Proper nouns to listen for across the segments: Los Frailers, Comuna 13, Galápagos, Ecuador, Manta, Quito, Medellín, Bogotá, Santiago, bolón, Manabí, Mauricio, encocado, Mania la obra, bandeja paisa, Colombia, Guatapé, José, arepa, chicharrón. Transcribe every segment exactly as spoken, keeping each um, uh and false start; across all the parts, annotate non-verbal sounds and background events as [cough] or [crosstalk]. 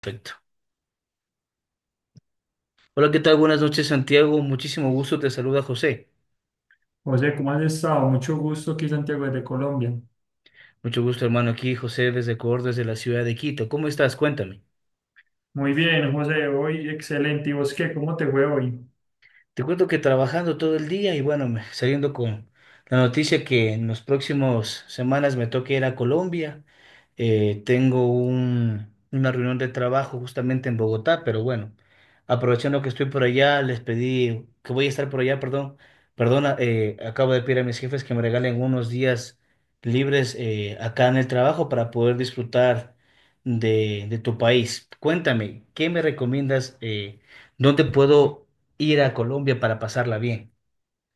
Perfecto. Hola, ¿qué tal? Buenas noches, Santiago. Muchísimo gusto, te saluda José. José, ¿cómo has estado? Mucho gusto aquí, Santiago, de Colombia. Mucho gusto, hermano, aquí, José, desde Ecuador, desde la ciudad de Quito. ¿Cómo estás? Cuéntame. Muy bien, José, hoy excelente. ¿Y vos qué? ¿Cómo te fue hoy? Te cuento que trabajando todo el día y bueno, me- saliendo con la noticia que en los próximos semanas me toque ir a Colombia. Eh, tengo un- una reunión de trabajo justamente en Bogotá, pero bueno, aprovechando que estoy por allá, les pedí que voy a estar por allá, perdón, perdona, eh, acabo de pedir a mis jefes que me regalen unos días libres eh, acá en el trabajo para poder disfrutar de, de tu país. Cuéntame, ¿qué me recomiendas? Eh, ¿dónde puedo ir a Colombia para pasarla bien?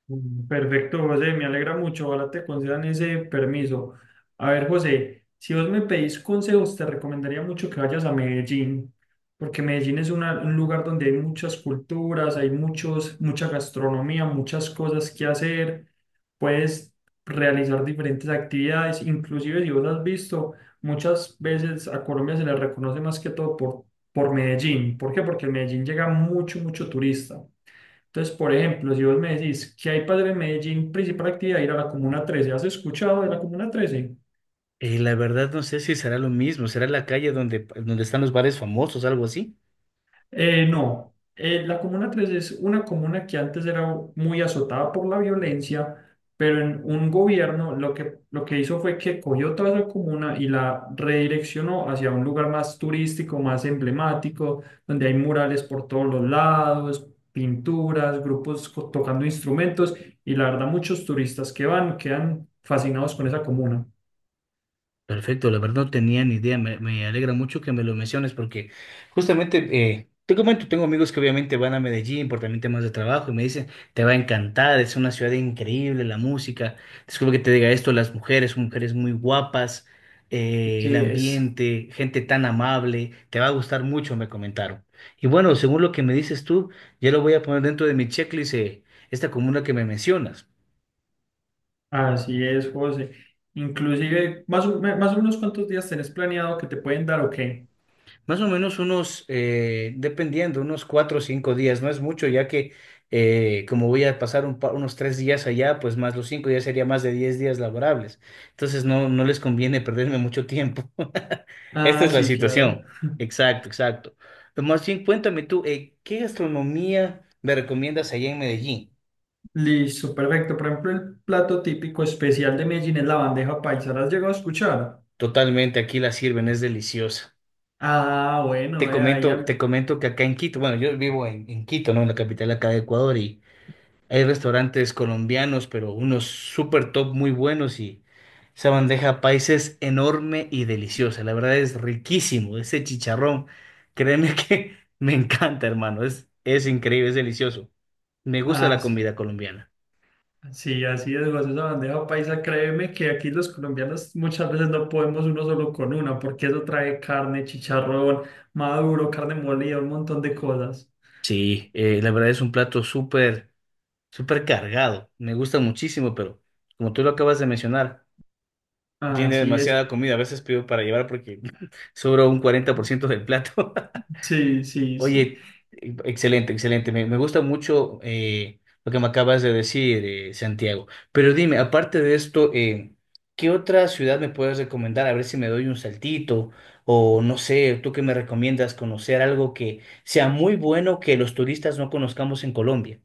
Mm, Perfecto, José, me alegra mucho. Ojalá te concedan ese permiso. A ver, José, si vos me pedís consejos, te recomendaría mucho que vayas a Medellín, porque Medellín es una- un lugar donde hay muchas culturas, hay muchos, mucha gastronomía, muchas cosas que hacer. Puedes realizar diferentes actividades, inclusive si vos has visto, muchas veces a Colombia se le reconoce más que todo por, por Medellín. ¿Por qué? Porque en Medellín llega mucho, mucho turista. Entonces, por ejemplo, si vos me decís que hay padre en Medellín, principal actividad, ir a la Comuna trece. ¿Has escuchado de la Comuna trece? Eh, la verdad no sé si será lo mismo, será la calle donde, donde están los bares famosos, algo así. Eh, no. Eh, la Comuna trece es una comuna que antes era muy azotada por la violencia, pero en un gobierno lo que, lo que hizo fue que cogió toda esa comuna y la redireccionó hacia un lugar más turístico, más emblemático, donde hay murales por todos los lados, pinturas, grupos co- tocando instrumentos y la verdad muchos turistas que van quedan fascinados con esa comuna. Perfecto, la verdad no tenía ni idea, me, me alegra mucho que me lo menciones porque justamente, eh, te comento, tengo amigos que obviamente van a Medellín por también temas de trabajo y me dicen, te va a encantar, es una ciudad increíble, la música, disculpa que te diga esto, las mujeres, mujeres muy guapas, eh, el Así es, ambiente, gente tan amable, te va a gustar mucho, me comentaron. Y bueno, según lo que me dices tú, ya lo voy a poner dentro de mi checklist, eh, esta comuna que me mencionas. así es, José. Inclusive, más o, me- más o menos cuántos días tenés planeado que te pueden dar o qué. Más o menos unos, eh, dependiendo, unos cuatro o cinco días, no es mucho, ya que eh, como voy a pasar un pa- unos tres días allá, pues más los cinco ya sería más de diez días laborables. Entonces no, no les conviene perderme mucho tiempo. [laughs] Esta Ah, es la sí, claro. situación. [laughs] Exacto, exacto. Pero más bien, cuéntame tú, eh, ¿qué gastronomía me recomiendas allá en Medellín? Listo, perfecto. Por ejemplo, el plato típico especial de Medellín es la bandeja paisa. ¿La has llegado a escuchar? Totalmente, aquí la sirven, es deliciosa. Ah, Te bueno, eh, ahí comento, te al- comento que acá en Quito, bueno, yo vivo en, en Quito, ¿no? En la capital acá de Ecuador hay restaurantes colombianos, pero unos super top muy buenos y esa bandeja paisa es enorme y deliciosa. La verdad es riquísimo. Ese chicharrón, créeme que [laughs] me encanta, hermano. Es, es increíble, es delicioso. Me gusta ah, la s- comida colombiana. sí, así es, José, esa bandeja paisa. Créeme que aquí los colombianos muchas veces no podemos uno solo con una, porque eso trae carne, chicharrón, maduro, carne molida, un montón de cosas. Sí, eh, la verdad es un plato súper, súper cargado. Me gusta muchísimo, pero como tú lo acabas de mencionar, tiene Así demasiada es. comida. A veces pido para llevar porque [laughs] sobra un cuarenta por ciento del plato. [laughs] Sí, sí, sí. Oye, e- excelente, excelente. Me, me gusta mucho eh, lo que me acabas de decir, eh, Santiago. Pero dime, aparte de esto, eh, ¿qué otra ciudad me puedes recomendar? A ver si me doy un saltito o no sé, ¿tú qué me recomiendas conocer algo que sea muy bueno que los turistas no conozcamos en Colombia?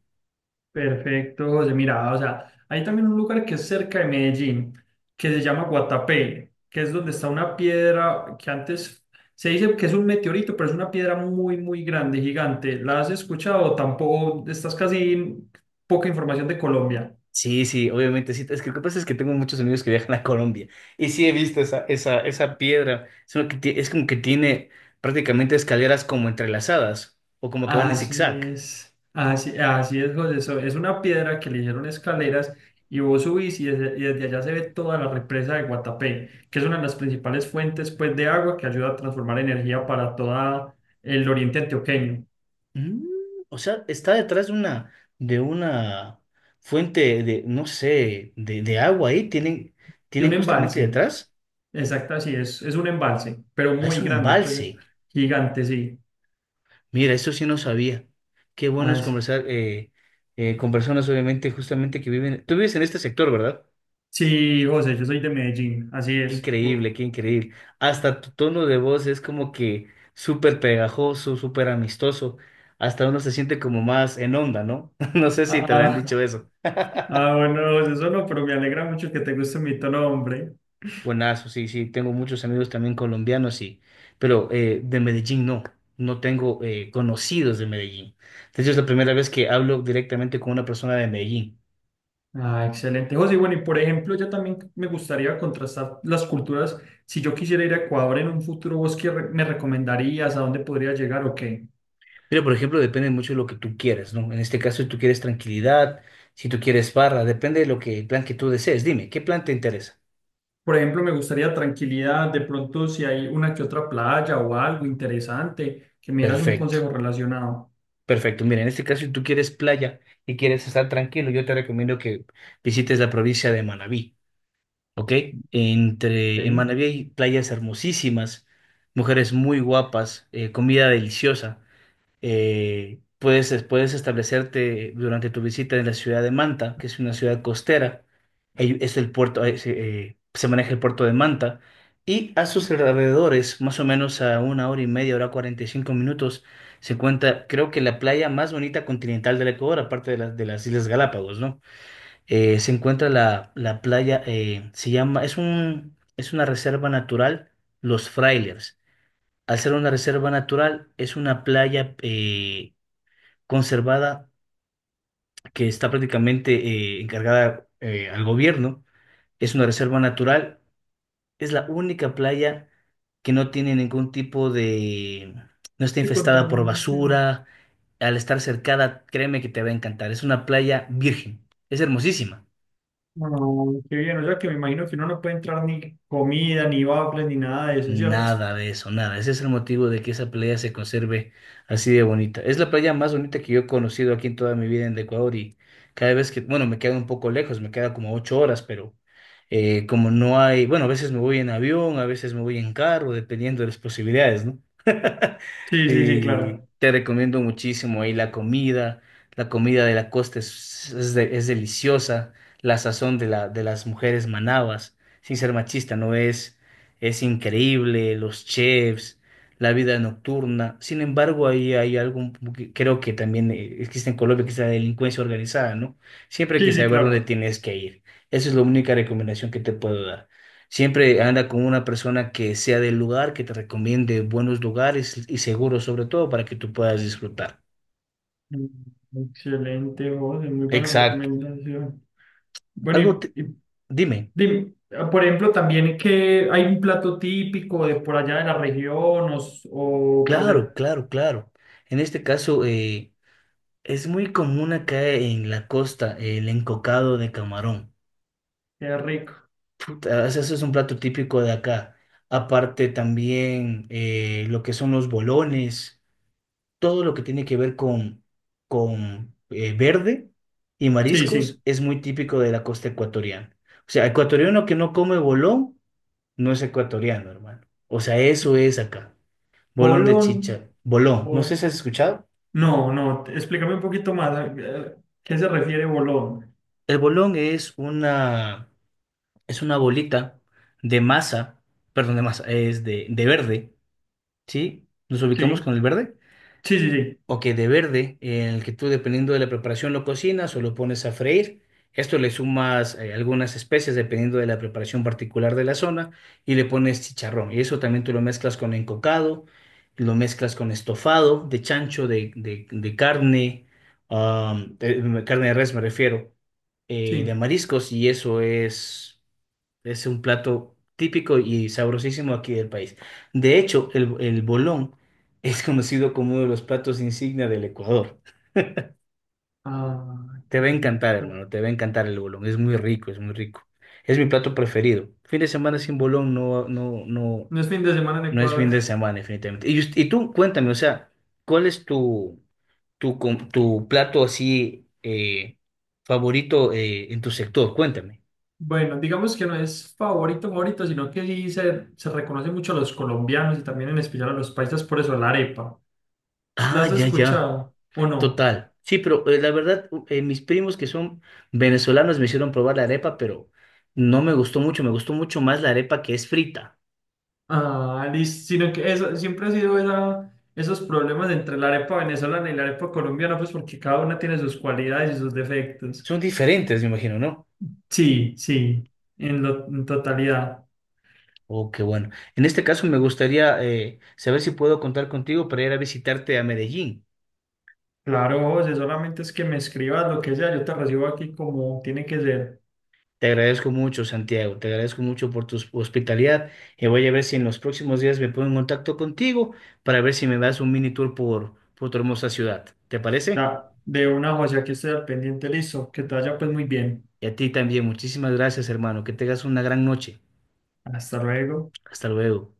Perfecto, José. Mira, o sea, hay también un lugar que es cerca de Medellín, que se llama Guatapé, que es donde está una piedra que antes se dice que es un meteorito, pero es una piedra muy, muy grande, gigante. ¿La has escuchado? Tampoco, estás casi poca información de Colombia. Sí, sí, obviamente sí. Es que lo que pasa es que tengo muchos amigos que viajan a Colombia y sí he visto esa, esa, esa piedra. Es, una que ti- es como que tiene prácticamente escaleras como entrelazadas o como que van en Así zigzag. es, así, así es, José. So- es una piedra que le hicieron escaleras y vos subís y desde, y desde allá se ve toda la represa de Guatapé, que es una de las principales fuentes pues, de agua que ayuda a transformar energía para todo el oriente antioqueño. Mm, o sea, está detrás de una, de una fuente de, no sé, de, de agua ahí, tienen, Y un tienen justamente embalse, detrás. exacto, así es, es un embalse, pero Ah, es muy un grande, pues eh, embalse. gigante, sí. Mira, eso sí no sabía. Qué bueno es Así. conversar eh, eh, con personas, obviamente, justamente que viven. Tú vives en este sector, ¿verdad? Sí, José, yo soy de Medellín, así Qué es. Uh, increíble, qué increíble. Hasta tu tono de voz es como que súper pegajoso, súper amistoso. Hasta uno se siente como más en onda, ¿no? [laughs] No sé si Ah, te habrán dicho ah, eso. [laughs] ah, bueno, José, eso no, pero me alegra mucho que te guste mi tono, hombre. Buenazo, sí, sí, tengo muchos amigos también colombianos, y, pero eh, de Medellín no, no tengo eh, conocidos de Medellín. De hecho, es la primera vez que hablo directamente con una persona de Medellín. Ah, excelente, José. Y bueno, y por ejemplo, yo también me gustaría contrastar las culturas. Si yo quisiera ir a Ecuador en un futuro, ¿vos qué re- me recomendarías? ¿A dónde podría llegar o qué? Pero, por ejemplo, depende mucho de lo que tú quieras, ¿no? En este caso, si tú quieres tranquilidad, si tú quieres barra, depende de lo que, el plan que tú desees. Dime, ¿qué plan te interesa? Por ejemplo, me gustaría tranquilidad. De pronto, si hay una que otra playa o algo interesante, que me dieras un Perfecto, consejo relacionado. perfecto. Mira, en este caso, si tú quieres playa y quieres estar tranquilo, yo te recomiendo que visites la provincia de Manabí. Ok, entre en ¿Ok? Manabí hay playas hermosísimas, mujeres muy guapas, eh, comida deliciosa. Eh, puedes, puedes establecerte durante tu visita en la ciudad de Manta, que es una ciudad costera. Ahí es el puerto, ahí se, eh, se maneja el puerto de Manta. Y a sus alrededores, más o menos a una hora y media, hora cuarenta y cinco minutos, se encuentra, creo que la playa más bonita continental del Ecuador, aparte de, la- de las Islas Galápagos, ¿no? Eh, se encuentra la, la playa, eh, se llama, es un, es una reserva natural, Los Frailers. Al ser una reserva natural, es una playa eh, conservada que está prácticamente eh, encargada eh, al gobierno. Es una reserva natural, es la única playa que no tiene ningún tipo de, no está De infestada por contaminación. basura. Al estar cercada, créeme que te va a encantar. Es una playa virgen, es hermosísima. No, qué bien. O sea, que me imagino que uno no puede entrar ni comida, ni waffles, ni nada de eso, ¿cierto? Nada de eso, nada. Ese es el motivo de que esa playa se conserve así de bonita. Es la playa más bonita que yo he conocido aquí en toda mi vida en Ecuador y cada vez que, bueno, me queda un poco lejos, me queda como ocho horas, pero eh, como no hay, bueno, a veces me voy en avión, a veces me voy en carro, dependiendo de las posibilidades, ¿no? [laughs] Sí, sí, sí, Y claro. te recomiendo muchísimo ahí la comida, la comida de la costa es, es, de- es deliciosa, la sazón de, la, de las mujeres manabas, sin ser machista, no es es increíble, los chefs, la vida nocturna. Sin embargo, ahí hay algo un poco que creo que también eh, existe en Colombia, que es la delincuencia organizada, ¿no? Siempre hay que Sí, sí, saber dónde claro. tienes que ir. Esa es la única recomendación que te puedo dar. Siempre anda con una persona que sea del lugar, que te recomiende buenos lugares y seguros, sobre todo, para que tú puedas disfrutar. Mm, excelente, José, muy buena Exacto. recomendación. Bueno, Algo, te- y, y dime. dime, ah, por ejemplo, también que hay un plato típico de por allá de la región o, s- o por Claro, ser claro, claro. En este caso, eh, es muy común acá en la costa el encocado de camarón. qué rico. Puta, Eso eso es un plato típico de acá. Aparte también eh, lo que son los bolones, todo lo que tiene que ver con, con eh, verde y Sí, sí. mariscos es muy típico de la costa ecuatoriana. O sea, ecuatoriano que no come bolón no es ecuatoriano, hermano. O sea, eso es acá. Bolón de Bolón. chicha. Bolón. No sé Bol- si has escuchado. No, no, te- explícame un poquito más. a- a- ¿Qué se refiere bolón? El bolón es una... es una bolita de masa, perdón, de masa, es de, de, verde, ¿sí? Nos ubicamos Sí, con el verde sí, sí, sí. o que de verde, en el que tú dependiendo de la preparación lo cocinas o lo pones a freír. Esto le sumas eh, algunas especias dependiendo de la preparación particular de la zona y le pones chicharrón. Y eso también tú lo mezclas con encocado, lo mezclas con estofado de chancho, de, de- de carne, am, de- carne de res me refiero, eh, de Sí. mariscos y eso es... Es un plato típico y sabrosísimo aquí del país. De hecho, el, el bolón es conocido como uno de los platos insignia del Ecuador. Ah, Te va a qué encantar, rico. hermano, te va a encantar el bolón. Es muy rico, es muy rico. Es mi plato preferido. Fin de semana sin bolón no, no, no, No es fin de semana en no es fin Ecuador. de [laughs] semana, definitivamente. Y, us- y tú, cuéntame, o sea, ¿cuál es tu, tu, com- tu plato así eh, favorito eh, en tu sector? Cuéntame. Bueno, digamos que no es favorito, favorito, sino que sí se, se reconoce mucho a los colombianos y también en especial a los paisas por eso, la arepa. ¿La Ah, has ya, ya. escuchado o no? Total. Sí, pero eh, la verdad, u- eh, mis primos que son venezolanos me hicieron probar la arepa, pero no me gustó mucho, me gustó mucho más la arepa que es frita. Ah, listo, sino que eso, siempre ha sido esa, esos problemas entre la arepa venezolana y la arepa colombiana, pues porque cada una tiene sus cualidades y sus defectos. Son diferentes, me imagino, ¿no? Sí, sí, en, lo- en totalidad. Oh, qué bueno. En este caso me gustaría eh, saber si puedo contar contigo para ir a visitarte a Medellín. Claro, José, solamente es que me escribas lo que sea, yo te recibo aquí como tiene que ser. Te agradezco mucho, Santiago, te agradezco mucho por tu hospitalidad y voy a ver si en los próximos días me pongo en contacto contigo para ver si me das un mini tour por, por, tu hermosa ciudad. ¿Te parece? Ya, de una, José, aquí estoy al pendiente, listo. Que te vaya pues muy bien. Y a ti también, muchísimas gracias, hermano. Que tengas una gran noche. Hasta luego. Hasta luego.